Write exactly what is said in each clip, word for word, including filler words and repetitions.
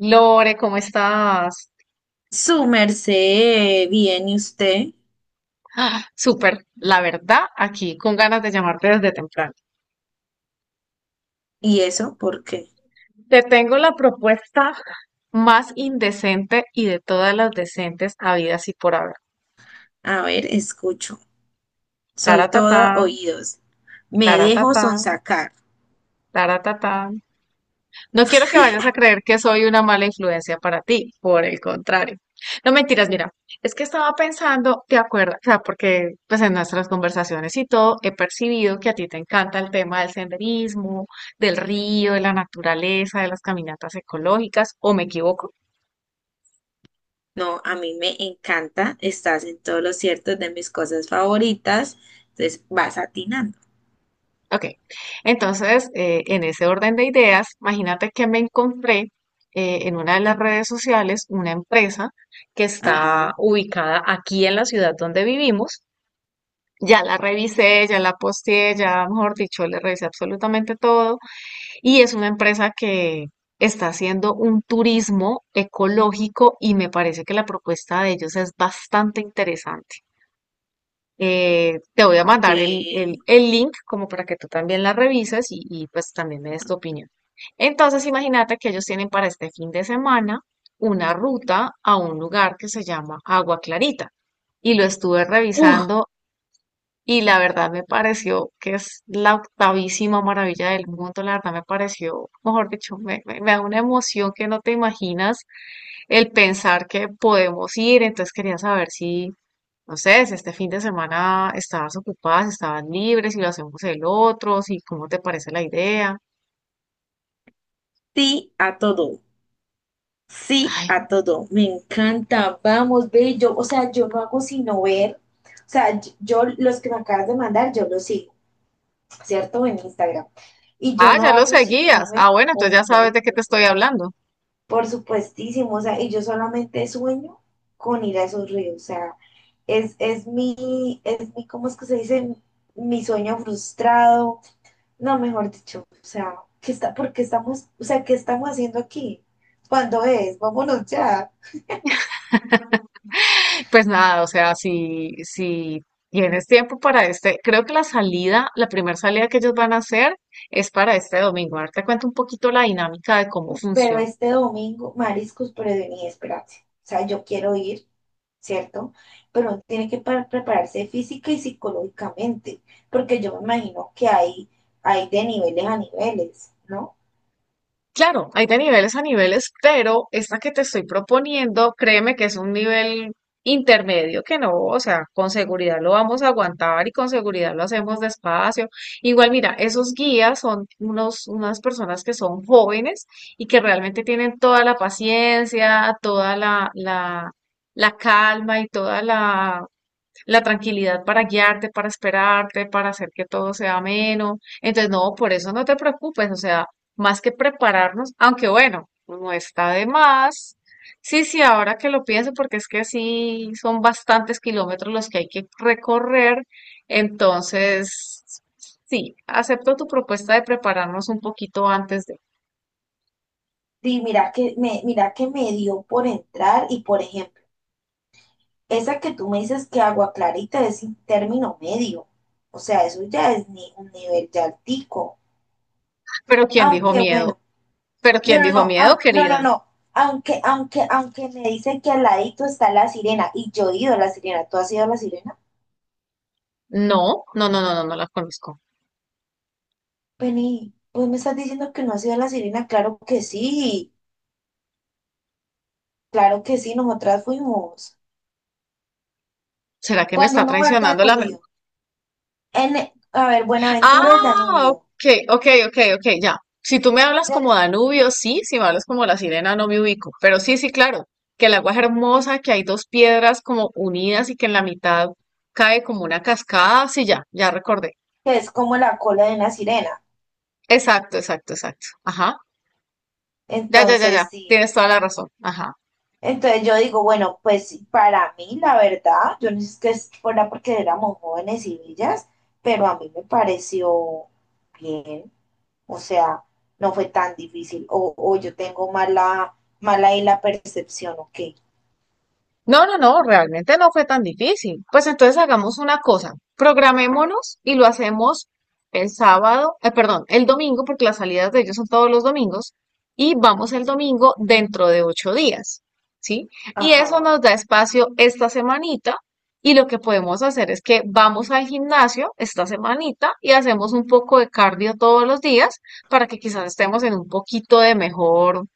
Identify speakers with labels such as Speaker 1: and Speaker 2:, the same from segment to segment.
Speaker 1: Lore, ¿cómo estás?
Speaker 2: Su merced, bien, ¿y usted?
Speaker 1: Súper, la verdad, aquí con ganas de llamarte desde temprano.
Speaker 2: ¿Y eso por qué?
Speaker 1: Te tengo la propuesta más indecente y de todas las decentes habidas y por haber.
Speaker 2: A ver, escucho. Soy toda
Speaker 1: Taratatán,
Speaker 2: oídos. Me dejo
Speaker 1: taratatán,
Speaker 2: sonsacar.
Speaker 1: taratatán. No quiero que vayas a creer que soy una mala influencia para ti, por el contrario. No mentiras, mira, es que estaba pensando, ¿te acuerdas? O sea, porque pues en nuestras conversaciones y todo he percibido que a ti te encanta el tema del senderismo, del río, de la naturaleza, de las caminatas ecológicas, ¿o me equivoco?
Speaker 2: No, a mí me encanta. Estás en todos los ciertos de mis cosas favoritas. Entonces vas atinando.
Speaker 1: Ok, entonces eh, en ese orden de ideas, imagínate que me encontré eh, en una de las redes sociales una empresa que está
Speaker 2: Ajá.
Speaker 1: ubicada aquí en la ciudad donde vivimos. Ya la revisé, ya la posteé, ya, mejor dicho, le revisé absolutamente todo. Y es una empresa que está haciendo un turismo ecológico y me parece que la propuesta de ellos es bastante interesante. Eh, te voy a mandar el, el-
Speaker 2: Ve.
Speaker 1: el link como para que tú también la revises y, y pues también me des tu opinión. Entonces, imagínate que ellos tienen para este fin de semana una ruta a un lugar que se llama Agua Clarita y lo estuve
Speaker 2: Uf,
Speaker 1: revisando, y la verdad me pareció que es la octavísima maravilla del mundo. La verdad me pareció, mejor dicho, me, me- me da una emoción que no te imaginas el pensar que podemos ir. Entonces quería saber si, no sé, si este fin de semana estabas ocupada, si estabas libre, si lo hacemos el otro, si cómo te parece la idea.
Speaker 2: sí a todo. Sí
Speaker 1: Ay,
Speaker 2: a todo. Me encanta. Vamos, ve. Yo, o sea, yo no hago sino ver. O sea, yo yo los que me acabas de mandar, yo los sigo. ¿Cierto? En Instagram. Y yo
Speaker 1: ah,
Speaker 2: no
Speaker 1: ya lo
Speaker 2: hago sino
Speaker 1: seguías.
Speaker 2: ver
Speaker 1: Ah, bueno, entonces ya sabes
Speaker 2: hombre,
Speaker 1: de qué
Speaker 2: por
Speaker 1: te estoy
Speaker 2: supuesto.
Speaker 1: hablando.
Speaker 2: Por supuestísimo, o sea, y yo solamente sueño con ir a esos ríos, o sea, es, es mi, es mi, ¿cómo es que se dice? Mi sueño frustrado, no, mejor dicho, o sea, ¿qué está, por qué estamos, o sea, qué estamos haciendo aquí? ¿Cuándo es? Vámonos ya.
Speaker 1: Pues nada, o sea, si, si tienes tiempo para este, creo que la salida, la primera salida que ellos van a hacer es para este domingo. Ahora te cuento un poquito la dinámica de cómo
Speaker 2: Pero
Speaker 1: funciona.
Speaker 2: este domingo, mariscos, pero vení, espérate. O sea, yo quiero ir, ¿cierto? Pero uno tiene que pa- prepararse física y psicológicamente, porque yo me imagino que hay, hay de niveles a niveles, ¿no?
Speaker 1: Claro, hay de niveles a niveles, pero esta que te estoy proponiendo, créeme que es un nivel intermedio que no, o sea, con seguridad lo vamos a aguantar y con seguridad lo hacemos despacio. Igual, mira, esos guías son unos, unas personas que son jóvenes y que realmente tienen toda la paciencia, toda la, la, la calma y toda la, la tranquilidad para guiarte, para esperarte, para hacer que todo sea ameno. Entonces, no, por eso no te preocupes, o sea, más que prepararnos, aunque bueno, no está de más. Sí, sí, ahora que lo pienso, porque es que sí son bastantes kilómetros los que hay que recorrer, entonces, sí, acepto tu propuesta de prepararnos un poquito antes de...
Speaker 2: Y mira que me, mira que me dio por entrar y, por ejemplo, esa que tú me dices que Agua Clarita es un término medio. O sea, eso ya es ni un nivel ya altico.
Speaker 1: ¿Pero quién dijo
Speaker 2: Aunque bueno.
Speaker 1: miedo? ¿Pero
Speaker 2: No,
Speaker 1: quién
Speaker 2: no,
Speaker 1: dijo
Speaker 2: no,
Speaker 1: miedo,
Speaker 2: au- no, no,
Speaker 1: querida?
Speaker 2: no. Aunque, aunque, aunque me dicen que al ladito está la Sirena y yo he ido a la Sirena. ¿Tú has ido a la Sirena?
Speaker 1: No, no, no, no, no, no la conozco.
Speaker 2: Penny, pues me estás diciendo que no has ido a la Sirena. Claro que sí, claro que sí, nosotras fuimos.
Speaker 1: ¿Será que me
Speaker 2: Cuando
Speaker 1: está
Speaker 2: uno va al
Speaker 1: traicionando la memoria?
Speaker 2: Danubio, en, e- a ver, Buenaventura el
Speaker 1: Ah,
Speaker 2: Danubio,
Speaker 1: ok, ok, ok, ok, ya. Si tú me hablas como
Speaker 2: del,
Speaker 1: Danubio, sí, si me hablas como la sirena, no me ubico. Pero sí, sí, claro, que el agua es hermosa, que hay dos piedras como unidas y que en la mitad cae como una cascada, sí, ya, ya recordé.
Speaker 2: que es como la cola de una sirena.
Speaker 1: Exacto, exacto, exacto. Ajá. Ya, ya, ya,
Speaker 2: Entonces,
Speaker 1: ya.
Speaker 2: sí.
Speaker 1: Tienes toda la razón. Ajá.
Speaker 2: Entonces yo digo, bueno, pues sí, para mí la verdad, yo no sé que es- fuera porque éramos jóvenes y villas, pero a mí me pareció bien, o sea, no fue tan difícil, o, o yo tengo mala, mala ahí la percepción. Ok,
Speaker 1: No, no, no, realmente no fue tan difícil. Pues entonces hagamos una cosa,
Speaker 2: a ver,
Speaker 1: programémonos y lo hacemos el sábado, eh, perdón, el domingo, porque las salidas de ellos son todos los domingos, y vamos el domingo dentro de ocho días, ¿sí? Y eso
Speaker 2: ajá,
Speaker 1: nos da espacio esta semanita, y lo que podemos hacer es que vamos al gimnasio esta semanita y hacemos un poco de cardio todos los días para que quizás estemos en un poquito de mejor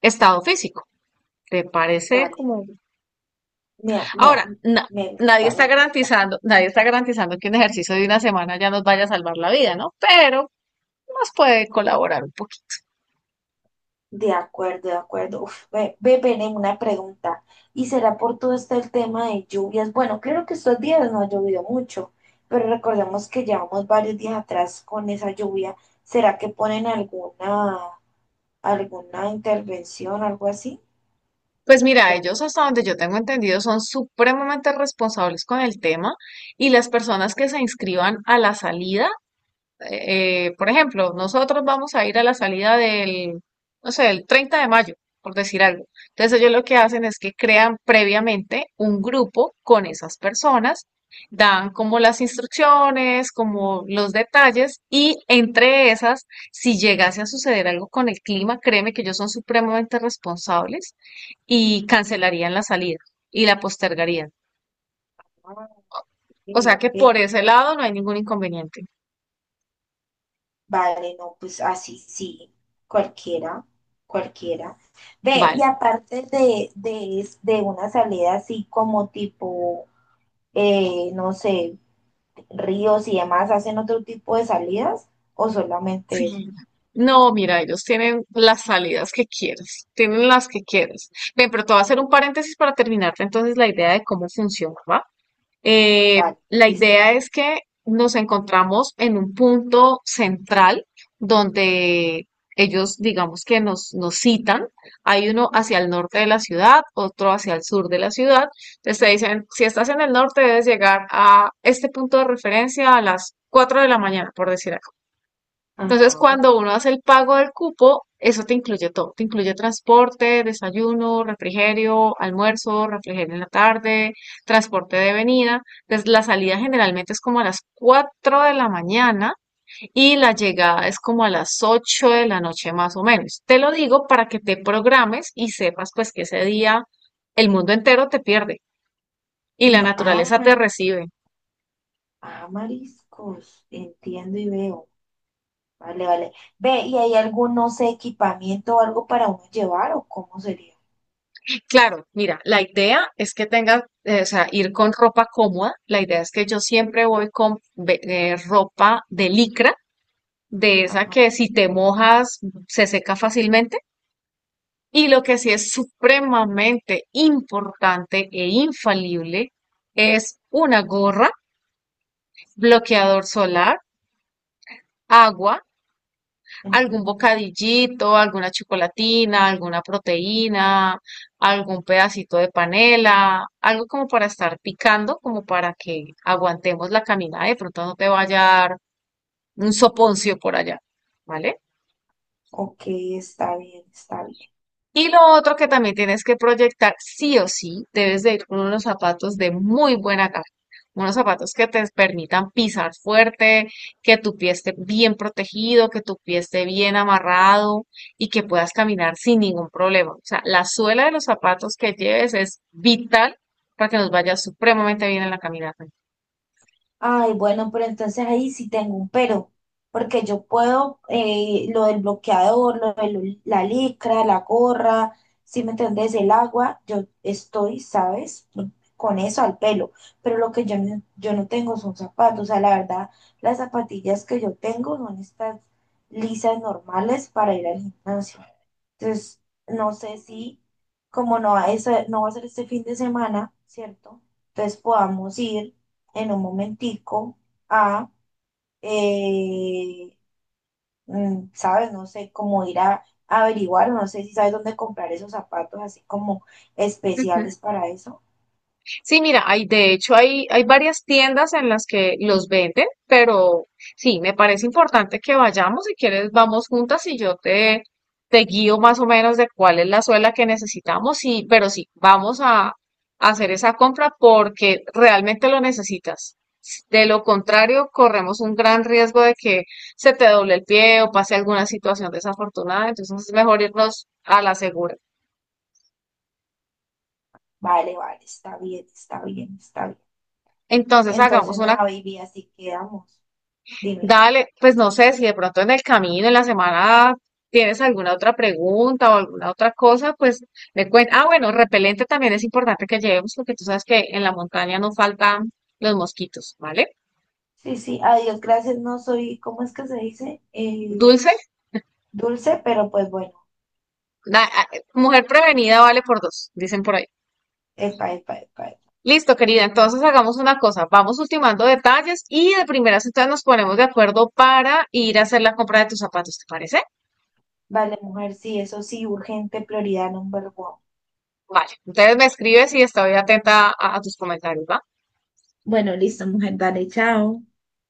Speaker 1: estado físico. ¿Te parece
Speaker 2: vale,
Speaker 1: como
Speaker 2: me, me,
Speaker 1: Ahora, na-
Speaker 2: me
Speaker 1: nadie
Speaker 2: gusta,
Speaker 1: está
Speaker 2: me gusta.
Speaker 1: garantizando, nadie está garantizando que un ejercicio de una semana ya nos vaya a salvar la vida, ¿no? Pero nos puede colaborar un poquito.
Speaker 2: De acuerdo, de acuerdo. Uf, ve, ve, Bene, una pregunta. ¿Y será por todo este el tema de lluvias? Bueno, claro que estos días no ha llovido mucho, pero recordemos que llevamos varios días atrás con esa lluvia. ¿Será que ponen alguna, alguna intervención, algo así?
Speaker 1: Pues mira,
Speaker 2: Por-
Speaker 1: ellos hasta donde yo tengo entendido son supremamente responsables con el tema y las personas que se inscriban a la salida eh, eh, por ejemplo, nosotros vamos a ir a la salida del, no sé, el treinta de mayo, por decir algo. Entonces ellos lo que hacen es que crean previamente un grupo con esas personas, dan como las instrucciones, como los detalles y entre esas, si llegase a suceder algo con el clima, créeme que ellos son supremamente responsables y cancelarían la salida y la postergarían.
Speaker 2: ah, ok,
Speaker 1: O sea que por
Speaker 2: ok.
Speaker 1: ese lado no hay ningún inconveniente.
Speaker 2: Vale, no, pues así sí, cualquiera, cualquiera. Ve,
Speaker 1: Vale.
Speaker 2: y aparte de, de, es- de una salida así como tipo, eh, no sé, ríos y demás, ¿hacen otro tipo de salidas o
Speaker 1: Sí.
Speaker 2: solamente eso?
Speaker 1: No, mira, ellos tienen las salidas que quieras, tienen las que quieras. Bien, pero te voy a hacer un paréntesis para terminarte entonces la idea de cómo funciona, ¿va? Eh,
Speaker 2: Vale,
Speaker 1: la
Speaker 2: listo.
Speaker 1: idea es que nos encontramos en un punto central donde ellos, digamos que nos, nos citan. Hay uno hacia el norte de la ciudad, otro hacia el sur de la ciudad. Entonces te dicen, si estás en el norte, debes llegar a este punto de referencia a las cuatro de la mañana, por decir. Entonces,
Speaker 2: Ajá.
Speaker 1: cuando uno hace el pago del cupo, eso te incluye todo. Te incluye transporte, desayuno, refrigerio, almuerzo, refrigerio en la tarde, transporte de venida. Entonces, la salida generalmente es como a las cuatro de la mañana y la llegada es como a las ocho de la noche más o menos. Te lo digo para que te programes y sepas pues que ese día el mundo entero te pierde y la
Speaker 2: No, ah,
Speaker 1: naturaleza te
Speaker 2: mariscos.
Speaker 1: recibe.
Speaker 2: Ah, mariscos. Entiendo y veo. Vale, vale. Ve, ¿y hay algún, no sé, equipamiento o algo para uno llevar o cómo sería?
Speaker 1: Claro, mira, la idea es que tengas, eh, o sea, ir con ropa cómoda. La idea es que yo siempre voy con ve- eh, ropa de licra, de esa
Speaker 2: Ajá.
Speaker 1: que si te mojas se seca fácilmente. Y lo que sí es supremamente importante e infalible es una gorra, bloqueador solar, agua, algún
Speaker 2: Ujú.
Speaker 1: bocadillito, alguna chocolatina, alguna proteína, algún pedacito de panela, algo como para estar picando, como para que aguantemos la caminada. De pronto no te vaya a dar un soponcio por allá, ¿vale?
Speaker 2: Ok, está bien, está bien.
Speaker 1: Y lo otro que también tienes que proyectar, sí o sí, debes de ir con unos zapatos de muy buena calidad, unos zapatos que te permitan pisar fuerte, que tu pie esté bien protegido, que tu pie esté bien amarrado y que puedas caminar sin ningún problema. O sea, la suela de los zapatos que lleves es vital para que nos vaya supremamente bien en la caminata.
Speaker 2: Ay, bueno, pero entonces ahí sí tengo un pero, porque yo puedo eh, lo del bloqueador, lo de lo- la licra, la gorra, si me entendés, el agua, yo estoy, ¿sabes? Con eso al pelo, pero lo que yo no, yo no tengo son zapatos, o sea, la verdad, las zapatillas que yo tengo son estas lisas normales para ir al gimnasio. Entonces, no sé si, como no va a ser, no va a ser este fin de semana, ¿cierto? Entonces podamos ir en un momentico a, eh, mm, ¿sabes? No sé, cómo ir a, a averiguar, no sé si sabes dónde comprar esos zapatos así como
Speaker 1: Ujú.
Speaker 2: especiales para eso.
Speaker 1: Sí, mira, hay, de hecho, hay, hay varias tiendas en las que los venden, pero sí, me parece importante que vayamos. Si quieres, vamos juntas y yo te, te guío más o menos de cuál es la suela que necesitamos. Y, pero sí, vamos a, a hacer esa compra porque realmente lo necesitas. De lo contrario, corremos un gran riesgo de que se te doble el pie o pase alguna situación desafortunada. Entonces es mejor irnos a la segura.
Speaker 2: Vale, vale, está bien, está bien, está bien.
Speaker 1: Entonces hagamos
Speaker 2: Entonces,
Speaker 1: una.
Speaker 2: nada, baby, así quedamos. Dime.
Speaker 1: Dale, pues no sé si de pronto en el camino, en la semana, tienes alguna otra pregunta o alguna otra cosa, pues me cuentas. Ah, bueno, repelente también es importante que llevemos porque tú sabes que en la montaña no faltan los mosquitos, ¿vale?
Speaker 2: Sí, sí, adiós, gracias, no soy, ¿cómo es que se dice? Eh,
Speaker 1: Dulce,
Speaker 2: dulce, pero pues bueno.
Speaker 1: da- ah, eh, mujer prevenida vale por dos, dicen por ahí.
Speaker 2: Epa, epa, epa, epa.
Speaker 1: Listo, querida, entonces hagamos una cosa, vamos ultimando detalles y de primeras entonces nos ponemos de acuerdo para ir a hacer la compra de tus zapatos, ¿te parece?
Speaker 2: Vale, mujer, sí, eso sí, urgente, prioridad number one.
Speaker 1: Vale, entonces me escribes y estoy atenta a, a tus comentarios, ¿va?
Speaker 2: Bueno, listo, mujer, dale, chao.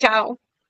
Speaker 1: Chao.